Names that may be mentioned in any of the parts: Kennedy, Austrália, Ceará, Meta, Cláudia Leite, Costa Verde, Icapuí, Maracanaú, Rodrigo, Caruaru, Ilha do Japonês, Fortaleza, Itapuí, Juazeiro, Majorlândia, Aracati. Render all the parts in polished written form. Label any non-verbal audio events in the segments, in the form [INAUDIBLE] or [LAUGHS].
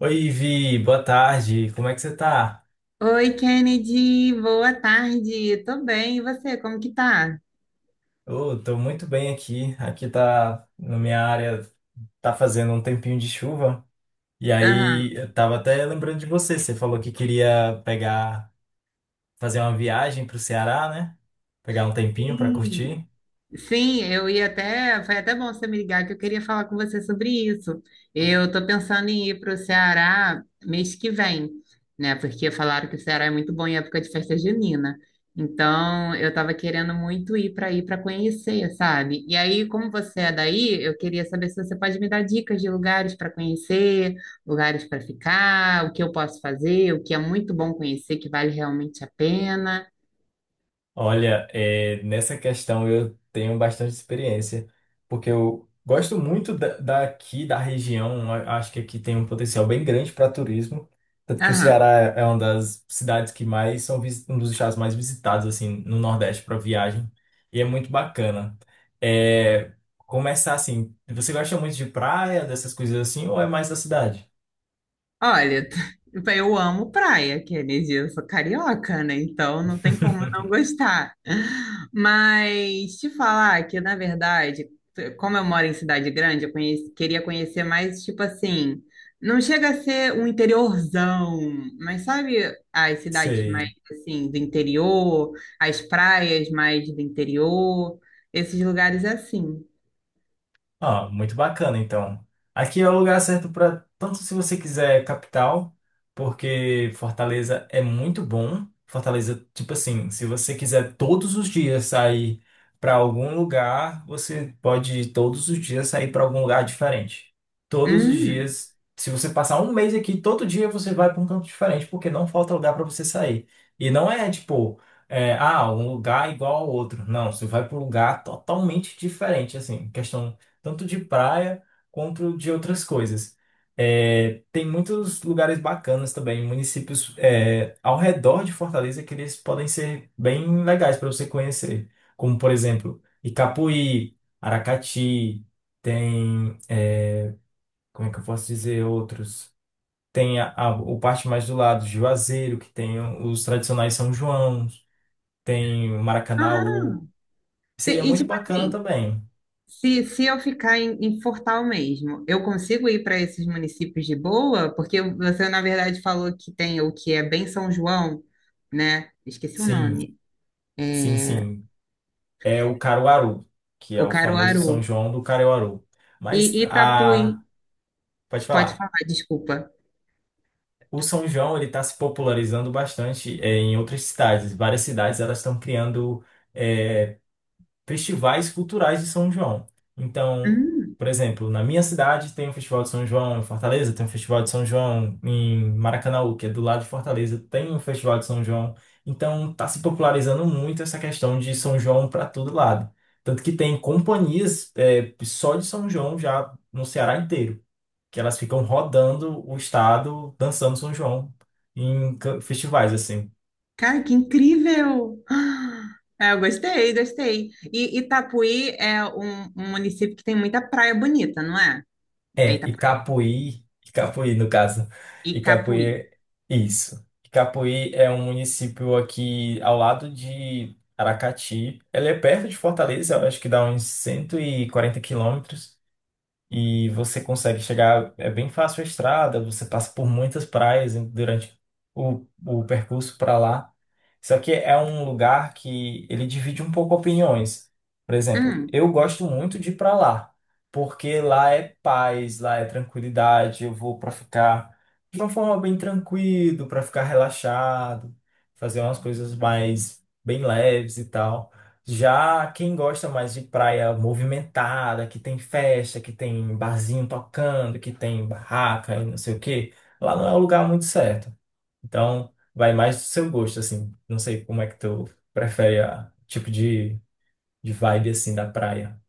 Oi, Vi, boa tarde. Como é que você tá? Oi, Kennedy, boa tarde. Tô bem, e você, como que tá? Eu tô muito bem aqui. Aqui tá, na minha área, tá fazendo um tempinho de chuva. E Aham. aí, eu tava até lembrando de você. Você falou que queria pegar, fazer uma viagem pro Ceará, né? Pegar um tempinho pra Sim. curtir. Sim, eu ia até. Foi até bom você me ligar que eu queria falar com você sobre isso. Eu estou pensando em ir para o Ceará mês que vem, né? Porque falaram que o Ceará é muito bom em época de festa junina. Então, eu estava querendo muito ir para aí para conhecer, sabe? E aí, como você é daí, eu queria saber se você pode me dar dicas de lugares para conhecer, lugares para ficar, o que eu posso fazer, o que é muito bom conhecer, que vale realmente a pena. Olha, é, nessa questão eu tenho bastante experiência, porque eu gosto muito daqui, da região, acho que aqui tem um potencial bem grande para turismo, tanto que o Ceará Aham. é uma das cidades que mais são, um dos estados mais visitados, assim, no Nordeste para viagem, e é muito bacana. É, começar assim, você gosta muito de praia, dessas coisas assim, ou é mais da cidade? Olha, [LAUGHS] eu amo praia, que é energia, eu sou carioca, né? Então não tem como não [LAUGHS] gostar. Mas te falar que, na verdade, como eu moro em cidade grande, queria conhecer mais, tipo assim, não chega a ser um interiorzão, mas sabe as cidades mais, Sei. assim, do interior, as praias mais do interior, esses lugares assim. Ah, muito bacana, então. Aqui é o lugar certo para tanto se você quiser capital, porque Fortaleza é muito bom. Fortaleza, tipo assim, se você quiser todos os dias sair para algum lugar, você pode todos os dias sair para algum lugar diferente. Todos os Hum. dias, se você passar um mês aqui, todo dia você vai para um canto diferente, porque não falta lugar para você sair. E não é tipo, é, ah, um lugar igual ao outro. Não, você vai para um lugar totalmente diferente, assim, questão tanto de praia quanto de outras coisas. É, tem muitos lugares bacanas também, municípios é, ao redor de Fortaleza que eles podem ser bem legais para você conhecer, como por exemplo Icapuí, Aracati, tem é, como é que eu posso dizer outros? Tem o parte mais do lado, Juazeiro, que tem os tradicionais São João, tem o Ah, Maracanaú. Seria E muito tipo bacana assim, também. se eu ficar em, em Fortal mesmo, eu consigo ir para esses municípios de boa? Porque você, na verdade, falou que tem o que é bem São João, né? Esqueci o Sim, nome. É, sim. É o Caruaru, que é o o famoso São Caruaru. João do Caruaru. E Mas Itapuí. a, pode Pode falar. falar, desculpa. O São João ele está se popularizando bastante é, em outras cidades. Várias cidades elas estão criando eh, festivais culturais de São João. Então, Hum, por exemplo, na minha cidade tem o Festival de São João, em Fortaleza tem o Festival de São João, em Maracanaú, que é do lado de Fortaleza, tem o Festival de São João. Então, está se popularizando muito essa questão de São João para todo lado. Tanto que tem companhias é, só de São João já no Ceará inteiro, que elas ficam rodando o estado dançando São João em festivais, assim. cara, que incrível! Ah, é, eu gostei, gostei. E Itapuí é um município que tem muita praia bonita, não é? É É, Itapuí. Icapuí no caso, Icapuí, Icapuí. Isso. Icapuí é um município aqui ao lado de Aracati. Ele é perto de Fortaleza, eu acho que dá uns 140 km e você consegue chegar, é bem fácil a estrada, você passa por muitas praias durante o percurso para lá. Só que é um lugar que ele divide um pouco opiniões. Por exemplo, Hum. eu gosto muito de ir para lá, porque lá é paz, lá é tranquilidade, eu vou para ficar de uma forma bem tranquilo, para ficar relaxado, fazer umas coisas mais bem leves e tal. Já quem gosta mais de praia movimentada, que tem festa, que tem barzinho tocando, que tem barraca e não sei o quê, lá não é o lugar muito certo. Então, vai mais do seu gosto, assim. Não sei como é que tu prefere a tipo de vibe, assim, da praia.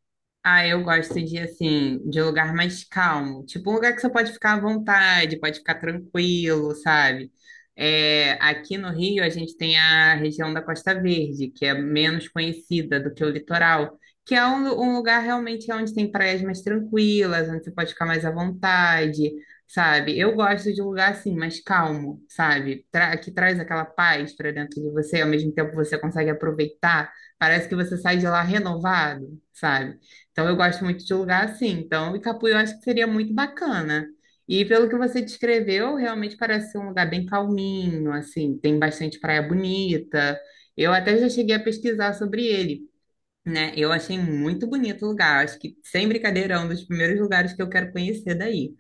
Ah, eu gosto de, assim, de lugar mais calmo. Tipo, um lugar que você pode ficar à vontade, pode ficar tranquilo, sabe? É, aqui no Rio, a gente tem a região da Costa Verde, que é menos conhecida do que o litoral, que é um lugar realmente é onde tem praias mais tranquilas, onde você pode ficar mais à vontade, sabe? Eu gosto de um lugar, assim, mais calmo, sabe? Que traz aquela paz para dentro de você, ao mesmo tempo você consegue aproveitar. Parece que você sai de lá renovado, sabe? Então, eu gosto muito de lugar assim. Então, Icapú eu acho que seria muito bacana. E pelo que você descreveu, realmente parece ser um lugar bem calminho, assim, tem bastante praia bonita. Eu até já cheguei a pesquisar sobre ele, né? Eu achei muito bonito o lugar. Acho que, sem brincadeira, é um dos primeiros lugares que eu quero conhecer daí.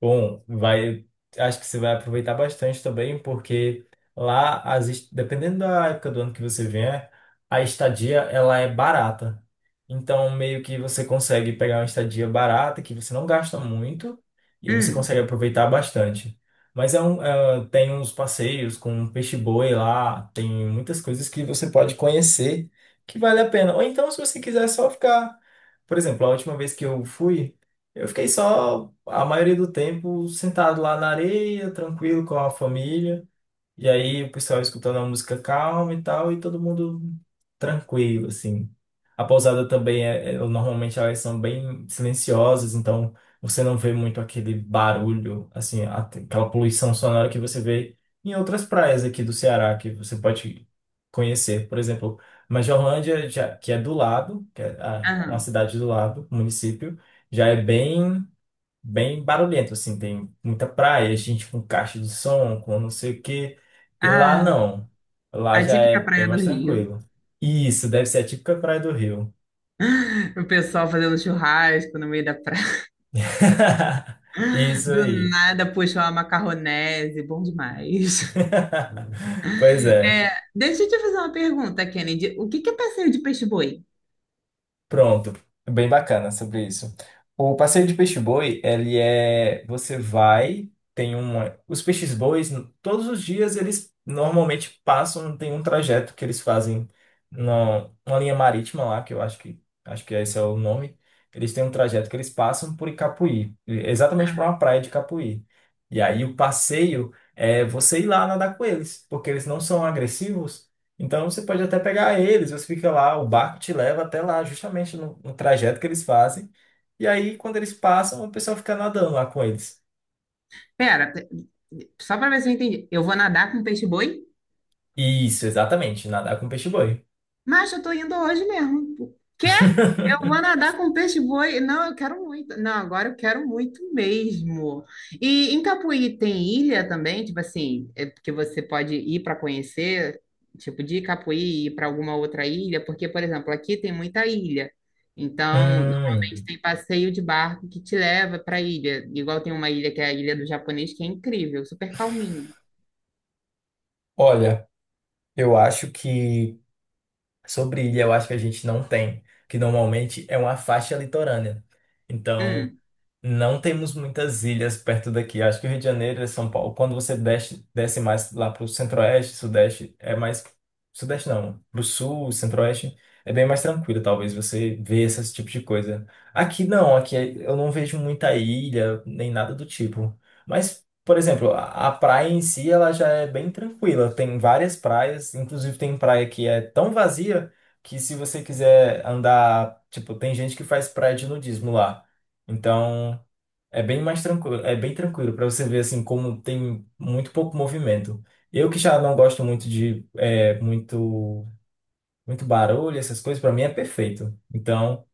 Bom, vai, acho que você vai aproveitar bastante também, porque lá, as, dependendo da época do ano que você vier, a estadia ela é barata. Então, meio que você consegue pegar uma estadia barata que você não gasta muito e você Hum. consegue aproveitar bastante. Mas é um, é, tem uns passeios com peixe-boi lá, tem muitas coisas que você pode conhecer que vale a pena. Ou então, se você quiser só ficar. Por exemplo, a última vez que eu fui. Eu fiquei só a maioria do tempo sentado lá na areia, tranquilo com a família. E aí o pessoal escutando a música calma e tal, e todo mundo tranquilo, assim. A pousada também normalmente elas são bem silenciosas, então você não vê muito aquele barulho, assim, aquela poluição sonora que você vê em outras praias aqui do Ceará, que você pode conhecer. Por exemplo, Majorlândia, já, que é do lado, que é uma Aham. cidade do lado, município, já é bem barulhento, assim, tem muita praia, gente com caixa de som, com não sei o quê. E lá Ah, não. Lá a já é típica bem praia do mais Rio. tranquilo. Isso, deve ser a típica praia do Rio. O pessoal fazendo churrasco no meio da praia. [LAUGHS] [LAUGHS] Isso Do aí. nada puxou uma macarronese, bom demais. [LAUGHS] Pois é. É, deixa eu te fazer uma pergunta, Kennedy. O que que é passeio de peixe-boi? Pronto, bem bacana sobre isso. O passeio de peixe-boi, ele é, você vai, tem uma, os peixes-bois, todos os dias eles normalmente passam, tem um trajeto que eles fazem na uma linha marítima lá, que eu acho que esse é o nome. Eles têm um trajeto que eles passam por Icapuí, exatamente para uma praia de Icapuí. E aí o passeio é você ir lá nadar com eles, porque eles não são agressivos. Então você pode até pegar eles, você fica lá, o barco te leva até lá, justamente no trajeto que eles fazem. E aí, quando eles passam, o pessoal fica nadando lá com eles. Pera, só para ver se eu entendi. Eu vou nadar com peixe-boi? Isso, exatamente, nadar com peixe-boi. Mas eu tô indo hoje mesmo. Quer? Eu [LAUGHS] vou nadar com peixe-boi. Não, eu quero muito. Não, agora eu quero muito mesmo. E em Capuí tem ilha também, tipo assim, é porque você pode ir para conhecer, tipo de Capuí e ir para alguma outra ilha, porque, por exemplo, aqui tem muita ilha. Então, normalmente Hum, tem passeio de barco que te leva para ilha. Igual tem uma ilha que é a Ilha do Japonês, que é incrível, super calminho. olha, eu acho que sobre ilha, eu acho que a gente não tem, que normalmente é uma faixa litorânea. Então, Hum. não temos muitas ilhas perto daqui. Acho que o Rio de Janeiro e São Paulo, quando você desce, desce mais lá para o centro-oeste, sudeste, é mais. Sudeste não, para o sul, centro-oeste, é bem mais tranquilo, talvez você vê esse tipo de coisa. Aqui não, aqui é, eu não vejo muita ilha, nem nada do tipo. Mas, por exemplo, a praia em si, ela já é bem tranquila. Tem várias praias, inclusive tem praia que é tão vazia que se você quiser andar. Tipo, tem gente que faz praia de nudismo lá. Então. É bem mais tranquilo, é bem tranquilo para você ver assim como tem muito pouco movimento. Eu que já não gosto muito de é, muito barulho, essas coisas, para mim é perfeito. Então,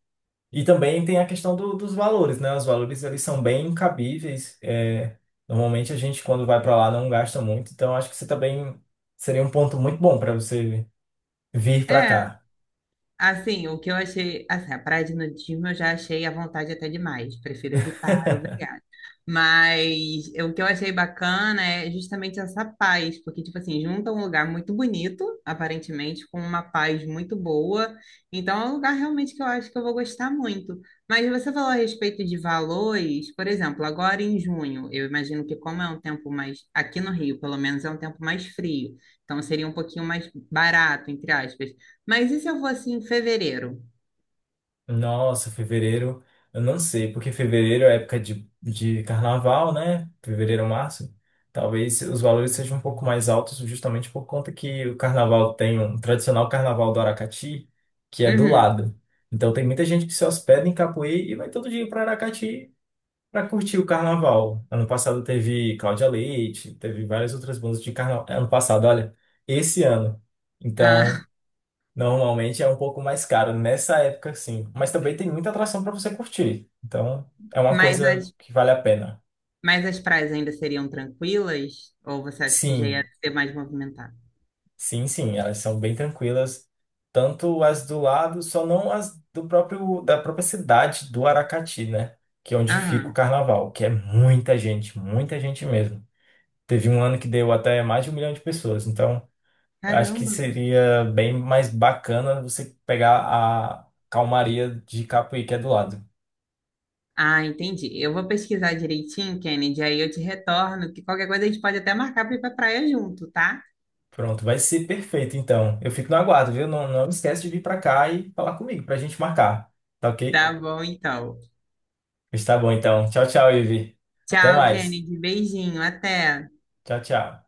e também tem a questão dos valores, né? Os valores eles são bem cabíveis. É, normalmente a gente quando vai para lá não gasta muito, então acho que você também seria um ponto muito bom para você vir para É. cá. Assim, o que eu achei, assim, a praia de nudismo eu já achei à vontade até demais, prefiro evitar, obrigada. Mas o que eu achei bacana é justamente essa paz, porque, tipo assim, junta um lugar muito bonito, aparentemente, com uma paz muito boa. Então, é um lugar realmente que eu acho que eu vou gostar muito. Mas você falou a respeito de valores, por exemplo, agora em junho, eu imagino que como é um tempo mais, aqui no Rio, pelo menos é um tempo mais frio, então seria um pouquinho mais barato, entre aspas. Mas e se eu fosse em fevereiro? Nossa, fevereiro, eu não sei, porque fevereiro é época de carnaval, né? Fevereiro, março. Talvez os valores sejam um pouco mais altos, justamente por conta que o carnaval tem um tradicional carnaval do Aracati, que é do Uhum. lado. Então tem muita gente que se hospeda em Capoeira e vai todo dia para Aracati para curtir o carnaval. Ano passado teve Cláudia Leite, teve várias outras bandas de carnaval. Ano passado, olha, esse ano. Então, Ah, normalmente é um pouco mais caro nessa época, sim. Mas também tem muita atração para você curtir. Então, [LAUGHS] é uma mas coisa as, que vale a pena. mas as praias ainda seriam tranquilas? Ou você acha que já ia Sim, ser mais movimentado? Sim. Elas são bem tranquilas. Tanto as do lado, só não as do próprio, da própria cidade do Aracati, né? Que é onde fica o Aham. carnaval, que é muita gente mesmo. Teve um ano que deu até mais de 1 milhão de pessoas. Então, eu acho que Caramba. seria bem mais bacana você pegar a calmaria de Capuí, que é do lado. Ah, entendi. Eu vou pesquisar direitinho, Kennedy, aí eu te retorno, que qualquer coisa a gente pode até marcar para ir para praia junto, tá? Pronto, vai ser perfeito então. Eu fico no aguardo, viu? Não, não esquece de vir pra cá e falar comigo pra gente marcar. Tá ok? Tá, bom, então. Está bom então. Tchau, tchau, Ivi. Até Tchau, mais. Kennedy. Beijinho. Até. Tchau, tchau.